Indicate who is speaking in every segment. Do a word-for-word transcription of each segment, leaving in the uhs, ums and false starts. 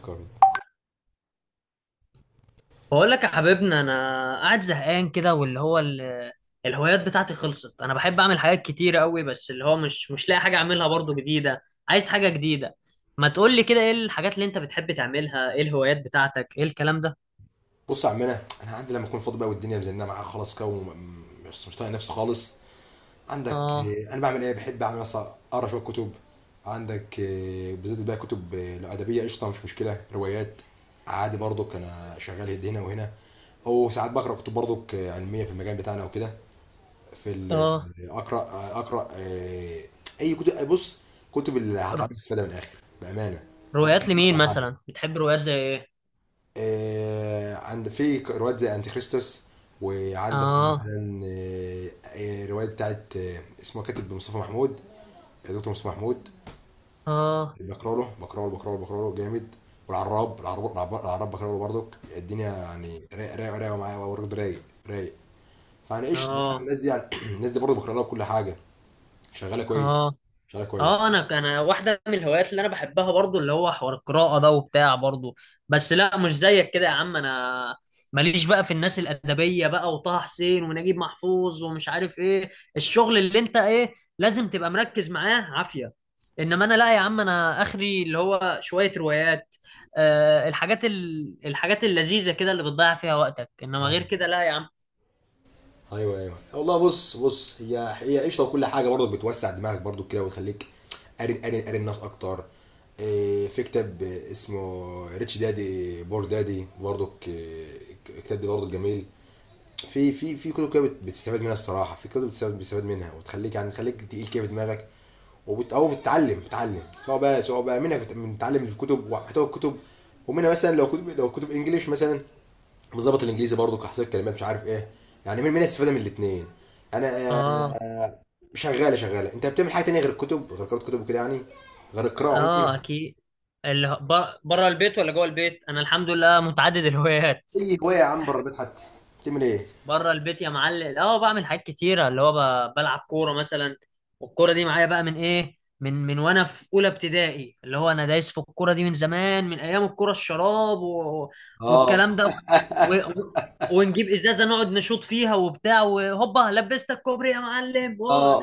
Speaker 1: كارد.
Speaker 2: بقول لك يا حبيبنا انا قاعد زهقان كده واللي هو ال- الهوايات بتاعتي خلصت. انا بحب اعمل حاجات كتير قوي، بس اللي هو مش مش لاقي حاجه اعملها برضو جديده. عايز حاجه جديده. ما تقول لي كده، ايه الحاجات اللي انت بتحب تعملها؟ ايه الهوايات بتاعتك؟ ايه الكلام ده؟
Speaker 1: بص يا عمنا، انا عندي لما اكون فاضي بقى والدنيا مزنقه معايا خلاص كده، وم- مش مش طايق نفسي خالص. عندك؟
Speaker 2: اه.
Speaker 1: آه، انا بعمل ايه، بحب اعمل مثلا اقرا شويه كتب. عندك؟ آه، بالذات بقى كتب، آه، لو ادبيه قشطه، مش مشكله، روايات. عادي برضك انا شغال يد هنا وهنا، او ساعات بقرا كتب برضك آه، علميه في المجال بتاعنا وكده. في ال-
Speaker 2: اه.
Speaker 1: آه، اقرا آه، اقرا آه، اي كتب. بص، كتب اللي
Speaker 2: ر-
Speaker 1: هتعمل استفاده من الاخر بامانه. ده ده
Speaker 2: روايات لمين
Speaker 1: أكتر حاجة.
Speaker 2: مثلا؟ بتحب روايات زي ايه؟
Speaker 1: آه، عند في روايات زي انتي كريستوس، وعندك
Speaker 2: اه.
Speaker 1: مثلا آه، آه، روايه بتاعت آه، اسمه كاتب مصطفى محمود، دكتور مصطفى محمود.
Speaker 2: اه.
Speaker 1: بقرا له بقرا له بقرا له بقرا له جامد. والعراب العراب العراب العراب بقرا له برضك. الدنيا يعني رايق رايق رايق معايا، برضه رايق، رايق. فانا قشطه يعني.
Speaker 2: اه.
Speaker 1: الناس دي يعني الناس دي برضه بقرا لها كل حاجه. شغاله كويس.
Speaker 2: اه.
Speaker 1: شغاله كويس.
Speaker 2: اه. انا انا واحده من الهوايات اللي انا بحبها برضو اللي هو حوار القراءه ده وبتاع برضو. بس لا، مش زيك كده يا عم. انا ماليش بقى في الناس الادبيه بقى، وطه حسين ونجيب محفوظ ومش عارف ايه. الشغل اللي انت ايه، لازم تبقى مركز معاه عافيه. انما انا لا يا عم، انا اخري اللي هو شويه روايات. آه، الحاجات ال... الحاجات اللذيذه كده اللي بتضيع فيها وقتك، انما غير كده لا يا عم.
Speaker 1: ايوه، ايوه، والله. بص بص، هي هي قشطه، وكل حاجه برضك بتوسع دماغك برضك كده، وتخليك قاري قاري قاري الناس اكتر. إيه، في كتاب اسمه ريتش دادي بور دادي برضك إيه، الكتاب ده برضك جميل. في في في كتب كده بت- بتستفاد منها الصراحه، في كتب بتستفاد بتستفاد منها وتخليك يعني تخليك تقيل كده في دماغك، وبت او بتتعلم بتتعلم سواء بقى سواء بقى منها بت- بتتعلم الكتب ومحتوى الكتب، ومنها مثلا لو كتب لو كتب انجليش مثلا، بظبط الانجليزي برضو كحصيل كلمات مش عارف ايه. يعني من منها استفاده من الاثنين. انا.
Speaker 2: اه.
Speaker 1: آه، شغاله شغاله. انت بتعمل حاجه تانية غير الكتب، غير قراءه كتب وكده يعني؟ غير القراءه عموما؟
Speaker 2: اه، اكيد. اللي هو- ب- بره البيت ولا جوه البيت، انا الحمد لله متعدد الهوايات.
Speaker 1: اي هوايه يا عم، بره البيت حتى، بتعمل ايه؟
Speaker 2: بره البيت يا معلم اه بعمل حاجات كتيره، اللي هو ب- بلعب كوره مثلا. والكوره دي معايا بقى من ايه، من من وانا في اولى ابتدائي. اللي هو انا دايس في الكوره دي من زمان، من ايام الكوره الشراب و...
Speaker 1: اه،
Speaker 2: والكلام ده، و... و... ونجيب ازازه نقعد نشوط فيها وبتاع، وهوبا لبستك كوبري يا معلم.
Speaker 1: اه.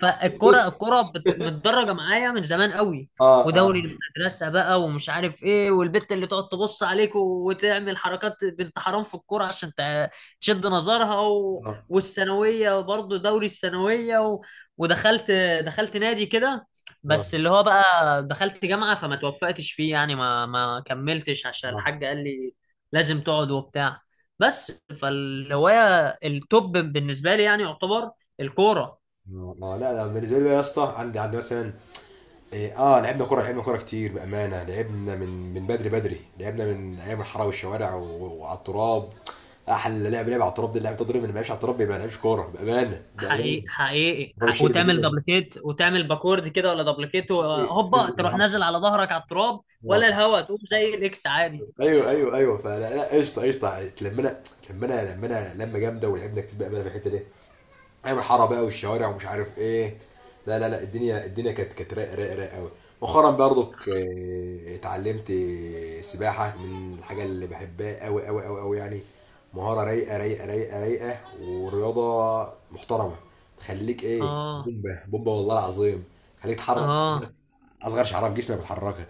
Speaker 2: فالكرة، الكرة بت- متدرجة معايا من زمان قوي.
Speaker 1: اه،
Speaker 2: ودوري
Speaker 1: اه،
Speaker 2: المدرسة بقى ومش عارف ايه، والبت اللي تقعد تبص عليك و- وتعمل حركات بنت حرام في الكرة عشان تع- تشد نظرها، و... والثانوية برضه دوري الثانوية و... ودخلت، دخلت نادي كده.
Speaker 1: اه،
Speaker 2: بس اللي هو بقى دخلت جامعة فما توفقتش فيه يعني، ما ما كملتش عشان
Speaker 1: اه.
Speaker 2: الحاج قال لي لازم تقعد وبتاع. بس فالهواية التوب بالنسبة لي يعني يعتبر الكورة.
Speaker 1: والله لا، لا، بالنسبه لي بقى يا اسطى، عندي عندي مثلا إيه، اه، لعبنا كوره لعبنا كوره كتير بامانه، لعبنا من من بدري بدري، لعبنا من ايام الحاره والشوارع و- وعلى التراب. احلى لعب لعب على التراب، دي اللعب تضرب، اللي ما لعبش على التراب يبقى ما لعبش كوره، بامانه بامانه.
Speaker 2: حقيقي، حقيقي
Speaker 1: تراب
Speaker 2: حق-
Speaker 1: الشرب
Speaker 2: وتعمل
Speaker 1: كده
Speaker 2: دبليكيت وتعمل باكورد كده ولا دبليكيت، هوبا
Speaker 1: يزبط
Speaker 2: تروح نازل
Speaker 1: الحفر.
Speaker 2: على ظهرك على التراب،
Speaker 1: آه.
Speaker 2: ولا الهوا تقوم زي الاكس عادي.
Speaker 1: ايوه، ايوه، ايوه. فلا، لا، قشطه قشطه، اتلمنا اتلمنا لمنا لمه جامده، ولعبنا كتير بامانه في الحته دي، ايام حاره بقى والشوارع ومش عارف ايه. لا، لا، لا، الدنيا الدنيا كانت كانت رايقه رايقه رايقه قوي. مؤخرا برضك آه، اتعلمت سباحه، من الحاجه اللي بحبها قوي قوي قوي قوي يعني. مهاره رايقه رايقه رايقه رايقه ورياضه محترمه. تخليك ايه
Speaker 2: اه.
Speaker 1: بومبه بومبه، والله العظيم. تخليك تحرك
Speaker 2: اه.
Speaker 1: اصغر شعره في جسمك بتحركها.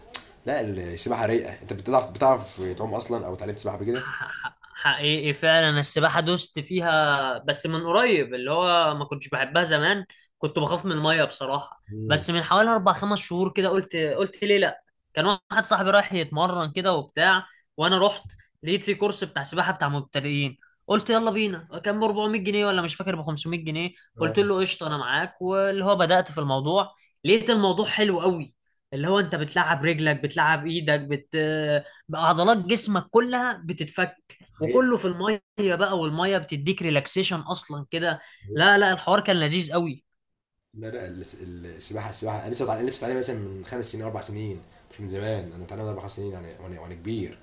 Speaker 1: لا، السباحه رايقه. انت بتعرف بتعرف تعوم اصلا، او اتعلمت سباحه قبل كده؟
Speaker 2: ح- ح- حقيقي فعلا السباحة دوست فيها بس من قريب. اللي هو ما كنتش بحبها زمان، كنت بخاف من المية بصراحة.
Speaker 1: مم.
Speaker 2: بس من حوالي أربع خمس شهور كده، قلت قلت ليه لأ. كان واحد صاحبي رايح يتمرن كده وبتاع، وأنا رحت لقيت في كورس بتاع سباحة بتاع مبتدئين. قلت يلا بينا. كان ب أربعمية جنيه ولا مش فاكر ب خمسمية جنيه.
Speaker 1: اه،
Speaker 2: قلت له قشطة أنا معاك. واللي هو بدأت في الموضوع، لقيت الموضوع حلو قوي. اللي هو أنت بتلعب رجلك، بتلعب إيدك، بت بقى عضلات جسمك كلها بتتفك،
Speaker 1: حقيقي.
Speaker 2: وكله في الميه بقى، والميه بتديك ريلاكسيشن اصلا كده. لا لا، الحوار كان لذيذ قوي.
Speaker 1: لا، لا، الس- السباحه السباحه انا لسه بتعلم لسه بتعلم مثلا من خمس سنين، اربع سنين. مش من زمان. انا بتعلم اربع سنين يعني، وانا وانا كبير.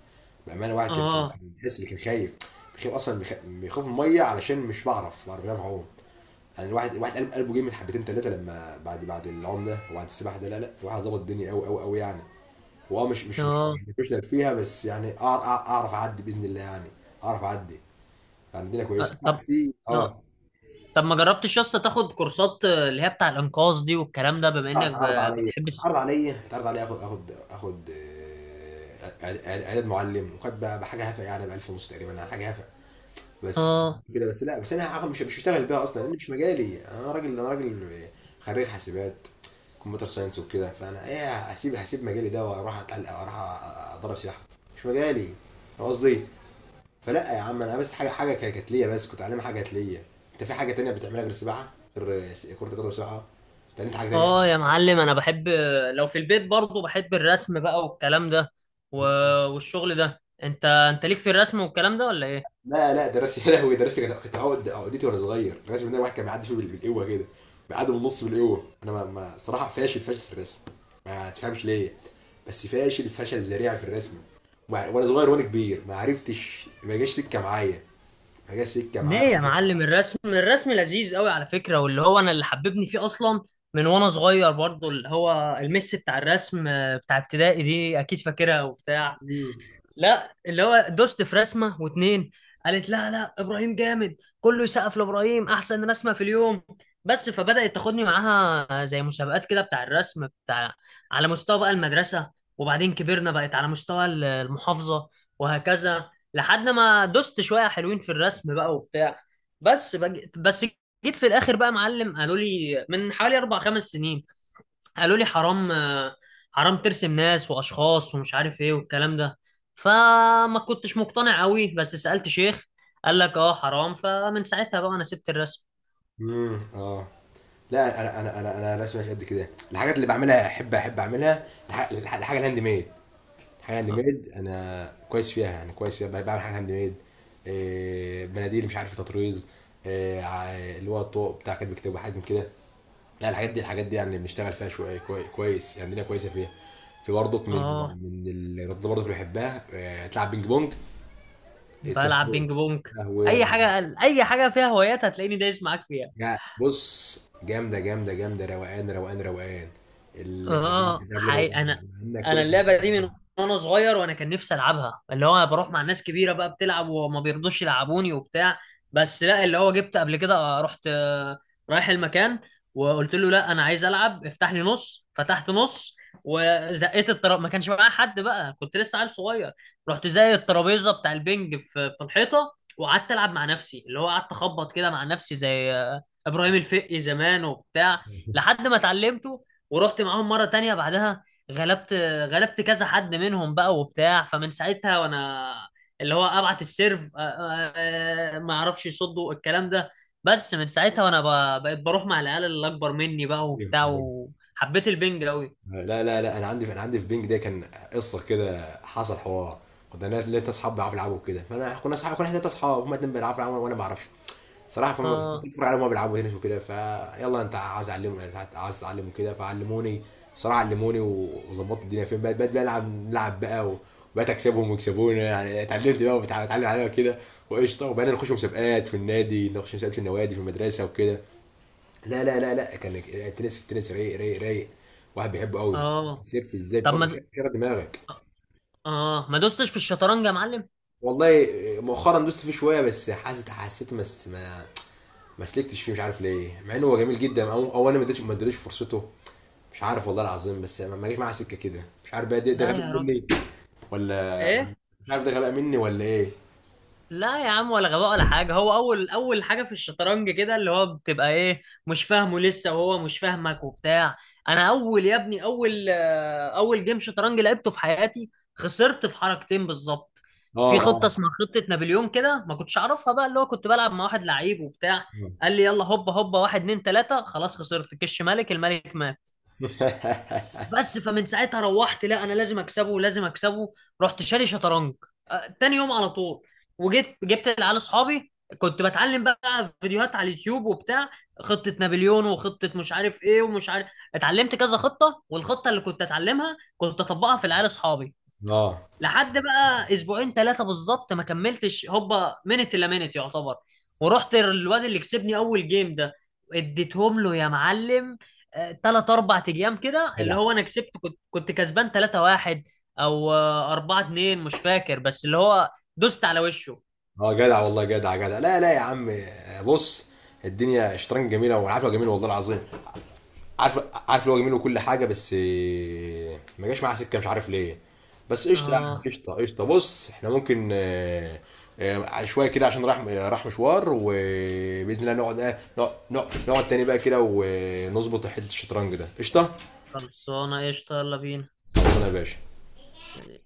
Speaker 1: بامانه، واحد كان كان
Speaker 2: اه.
Speaker 1: كان بيحس اللي كان خايف، بيخاف اصلا، بيخ- بيخاف من الميه، علشان مش بعرف بعرف بعرف اعوم. يعني الواحد الواحد قلب قلبه جامد حبتين ثلاثه، لما بعد بعد العوم ده وبعد السباحه ده، لا، لا، الواحد ظبط الدنيا قوي قوي قوي يعني. هو آه مش مش مش مش
Speaker 2: اه.
Speaker 1: بروفيشنال فيها، بس يعني أع- أع- اعرف اعدي باذن الله يعني، اعرف اعدي. يعني الدنيا
Speaker 2: آه،
Speaker 1: كويسه. لا،
Speaker 2: طب.
Speaker 1: في
Speaker 2: آه.
Speaker 1: اه
Speaker 2: طب ما جربتش يا اسطى تاخد كورسات آه، اللي هي بتاع الانقاذ دي والكلام ده، بما
Speaker 1: لا،
Speaker 2: انك
Speaker 1: اتعرض
Speaker 2: ب-
Speaker 1: عليا
Speaker 2: بتحب الس-
Speaker 1: اتعرض عليا اتعرض عليا اخد اخد اخد آه، إعد- إعد- اعداد معلم، وكانت بقى بحاجه هفه يعني، ب ألف ونص تقريبا، على حاجه هفه بس
Speaker 2: اه.
Speaker 1: كده. بس لا، بس انا هاخد- مش مش هشتغل بيها اصلا، لان مش مجالي. انا راجل، انا راجل خريج حاسبات، كمبيوتر ساينس وكده. فانا ايه، هسيب هسيب مجالي ده واروح اتعلق واروح، أ- اضرب سياحه. مش مجالي. فاهم قصدي؟ فلا يا عم، انا بس حاجه حاجه ك- كانت ليا، بس كنت اتعلم حاجه كانت ليا. انت في حاجه تانية بتعملها غير السباحه، غير س- كره القدم والسباحه؟ اتعلمت حاجه
Speaker 2: اه يا معلم، انا بحب، لو في البيت برضو، بحب الرسم بقى والكلام ده و...
Speaker 1: تانية؟
Speaker 2: والشغل ده. انت انت ليك في الرسم والكلام ده ولا ايه؟
Speaker 1: لا، لا، دراسة يا لهوي. دراسة كانت كانت عقد عقدتي وانا صغير. الرسم ده واحد كان بيعدي فيه بال- بالقوة كده، بيعدي بالنص بالقوة. انا ما ما صراحة فاشل فاشل في الرسم، ما تفهمش ليه، بس فاشل فشل ذريع في الرسم. وع- وانا صغير وانا كبير، ما عرفتش، ما جاش سكة معايا، ما جاش سكة
Speaker 2: ليه
Speaker 1: معايا.
Speaker 2: يا معلم؟ الرسم، الرسم لذيذ قوي على فكرة. واللي هو انا اللي حببني فيه اصلا من وانا صغير برضو، اللي هو المس بتاع الرسم آه، بتاع ابتدائي دي، اكيد فاكرها وبتاع. لا اللي هو دوست في رسمه واتنين، قالت لا لا، ابراهيم جامد، كله يسقف لابراهيم، احسن رسمه في اليوم. بس فبدات تاخدني معاها زي مسابقات كده بتاع الرسم بتاع، على مستوى بقى المدرسه، وبعدين كبرنا بقت على مستوى ال- المحافظه، وهكذا لحد ما دوست شويه حلوين في الرسم بقى وبتاع. بس بج... بس جيت في الاخر بقى معلم، قالوا لي من حوالي اربع خمس سنين، قالوا لي حرام. حرام ترسم ناس واشخاص ومش عارف ايه والكلام ده. فما كنتش مقتنع قوي، بس سألت شيخ قال لك اه حرام. فمن ساعتها بقى انا سبت الرسم.
Speaker 1: امم اه. لا، انا انا انا انا رسمي مش قد كده. الحاجات اللي بعملها احب احب اعملها، الح- الح- الحاجة الهاند ميد. حاجه هاند ميد، انا كويس فيها، يعني كويس فيها. بقى- بعمل حاجه هاند ميد. إيه، مناديل، مش عارف، تطريز. إيه، ع- اللي هو الطوق بتاع كاتب كتاب، حاجات كده. لا، الحاجات دي الحاجات دي يعني بنشتغل فيها شويه كوي- كويس يعني، الدنيا كويسه فيها. في برضك من
Speaker 2: اه.
Speaker 1: من الرياضات برضك اللي بحبها، إيه، تلعب بينج بونج. إيه، تنس
Speaker 2: بلعب
Speaker 1: طاولة.
Speaker 2: بينج بونج. اي
Speaker 1: قهوة.
Speaker 2: حاجه، اي حاجه فيها هوايات هتلاقيني دايس معاك فيها.
Speaker 1: لا، بص، جامدة جامدة جامدة، روقان روقان روقان. اللعبة دي،
Speaker 2: اه
Speaker 1: اللعبة دي
Speaker 2: حقيقي،
Speaker 1: روقان،
Speaker 2: انا
Speaker 1: انك
Speaker 2: انا
Speaker 1: واقف.
Speaker 2: اللعبه دي من وانا صغير، وانا كان نفسي العبها. اللي هو انا بروح مع ناس كبيره بقى بتلعب وما بيرضوش يلعبوني وبتاع. بس لا، اللي هو جبت قبل كده، آه، رحت، آه، رايح المكان، وقلت له لا انا عايز العب افتح لي نص. فتحت نص، وزقيت الترابيزه، ما كانش معايا حد بقى، كنت لسه عيل صغير. رحت زي الترابيزه بتاع البنج في في الحيطه، وقعدت العب مع نفسي. اللي هو قعدت اخبط كده مع نفسي زي آه، ابراهيم الفقي زمان وبتاع لحد ما اتعلمت. ورحت معاهم مرة تانية بعدها، غلبت، غلبت كذا حد منهم بقى وبتاع. فمن ساعتها وانا اللي هو ابعت السيرف، آه، آه، آه، ما اعرفش يصدوا الكلام ده. بس من ساعتها وانا ب- بقيت بروح مع العيال اللي اكبر مني بقى وبتاع، وحبيت البنج قوي.
Speaker 1: لا، لا، لا، انا عندي انا عندي في بينج ده كان قصه كده، حصل حوار. كنا ناس- لقيت ناس اصحاب بيعرفوا يلعبوا كده، فانا كنا اصحاب، كنا احنا تلات اصحاب، هما اتنين بيلعبوا يلعبوا وانا ما بعرفش صراحه. فما كنت
Speaker 2: اه.
Speaker 1: اتفرج عليهم وهما بيلعبوا هنا وكده، فيلا، انت عايز اعلمهم، عايز تعلمهم كده، فعلموني صراحه، علموني، و- وظبطت الدنيا. فين بقيت بقيت بلعب، نلعب بقى و- وبقيت اكسبهم ويكسبوني يعني، اتعلمت بقى وبتعلم عليها كده، وقشطه، وبقينا نخش مسابقات في النادي، نخش مسابقات في النوادي، في المدرسه وكده. لا، لا، لا، لا، كان التنس التنس رايق رايق رايق. واحد بيحبه قوي،
Speaker 2: اه،
Speaker 1: سيرف ازاي،
Speaker 2: طب ما
Speaker 1: بفضل
Speaker 2: د-
Speaker 1: شغل دماغك.
Speaker 2: اه. آه، ما دوستش في الشطرنج يا معلم؟
Speaker 1: والله مؤخرا دوست فيه شويه، بس حاسس، حسيته بس ما ما سلكتش فيه، مش عارف ليه، مع انه هو جميل جدا، او او انا ما اديتش ما اديتش فرصته، مش عارف والله العظيم. بس ما ما جاش معاها سكه كده، مش عارف بقى. ده ده
Speaker 2: لا
Speaker 1: غباء
Speaker 2: يا راجل.
Speaker 1: مني ولا؟
Speaker 2: ايه؟
Speaker 1: مش عارف، ده غباء مني ولا ايه؟
Speaker 2: لا يا عم، ولا غباء ولا حاجة. هو أول أول حاجة في الشطرنج كده اللي هو بتبقى إيه، مش فاهمه لسه، وهو مش فاهمك وبتاع. أنا أول يا ابني، أول آه، أول جيم شطرنج لعبته في حياتي، خسرت في حركتين بالظبط.
Speaker 1: اه،
Speaker 2: في خطة
Speaker 1: اه.
Speaker 2: اسمها خطة نابليون كده ما كنتش أعرفها بقى. اللي هو كنت بلعب مع واحد لعيب وبتاع، قال لي يلا هوبا هوبا، واحد اتنين تلاتة، خلاص خسرت، كش ملك، الملك مات. بس فمن ساعتها روحت، لا انا لازم اكسبه، لازم اكسبه. رحت شاري شطرنج آه، تاني يوم على طول، وجيت جبت العيال اصحابي. كنت بتعلم بقى فيديوهات على اليوتيوب وبتاع، خطة نابليون وخطة مش عارف ايه ومش عارف. اتعلمت كذا خطة، والخطة اللي كنت اتعلمها كنت اطبقها في العيال اصحابي.
Speaker 1: اه،
Speaker 2: لحد بقى اسبوعين ثلاثه بالظبط، ما كملتش هوبا منت الا منت يعتبر. ورحت الواد اللي كسبني اول جيم ده، اديتهم له يا معلم. ثلاث اربع ايام كده اللي
Speaker 1: جدع،
Speaker 2: هو انا كسبت، كنت كنت كسبان ثلاثه واحد او اربعه اتنين مش فاكر، بس اللي هو دوست على وشه.
Speaker 1: اه، جدع، والله، جدع جدع. لا، لا يا عم، بص، الدنيا شطرنج جميله، والعافيه جميله، والله العظيم. عارف عارف اللي هو جميل وكل حاجه، بس آه، ما جاش معاه سكه، مش عارف ليه. بس قشطه يعني،
Speaker 2: اه،
Speaker 1: قشطه قشطه. بص، احنا ممكن آه، آه، شويه كده عشان راح راح مشوار، وباذن الله نقعد آه، نقعد نقعد نقعد تاني بقى كده ونظبط حته الشطرنج ده، قشطه.
Speaker 2: خلصانه قشطه، يلا بينا.
Speaker 1: خلصنا يا باشا.
Speaker 2: سلام.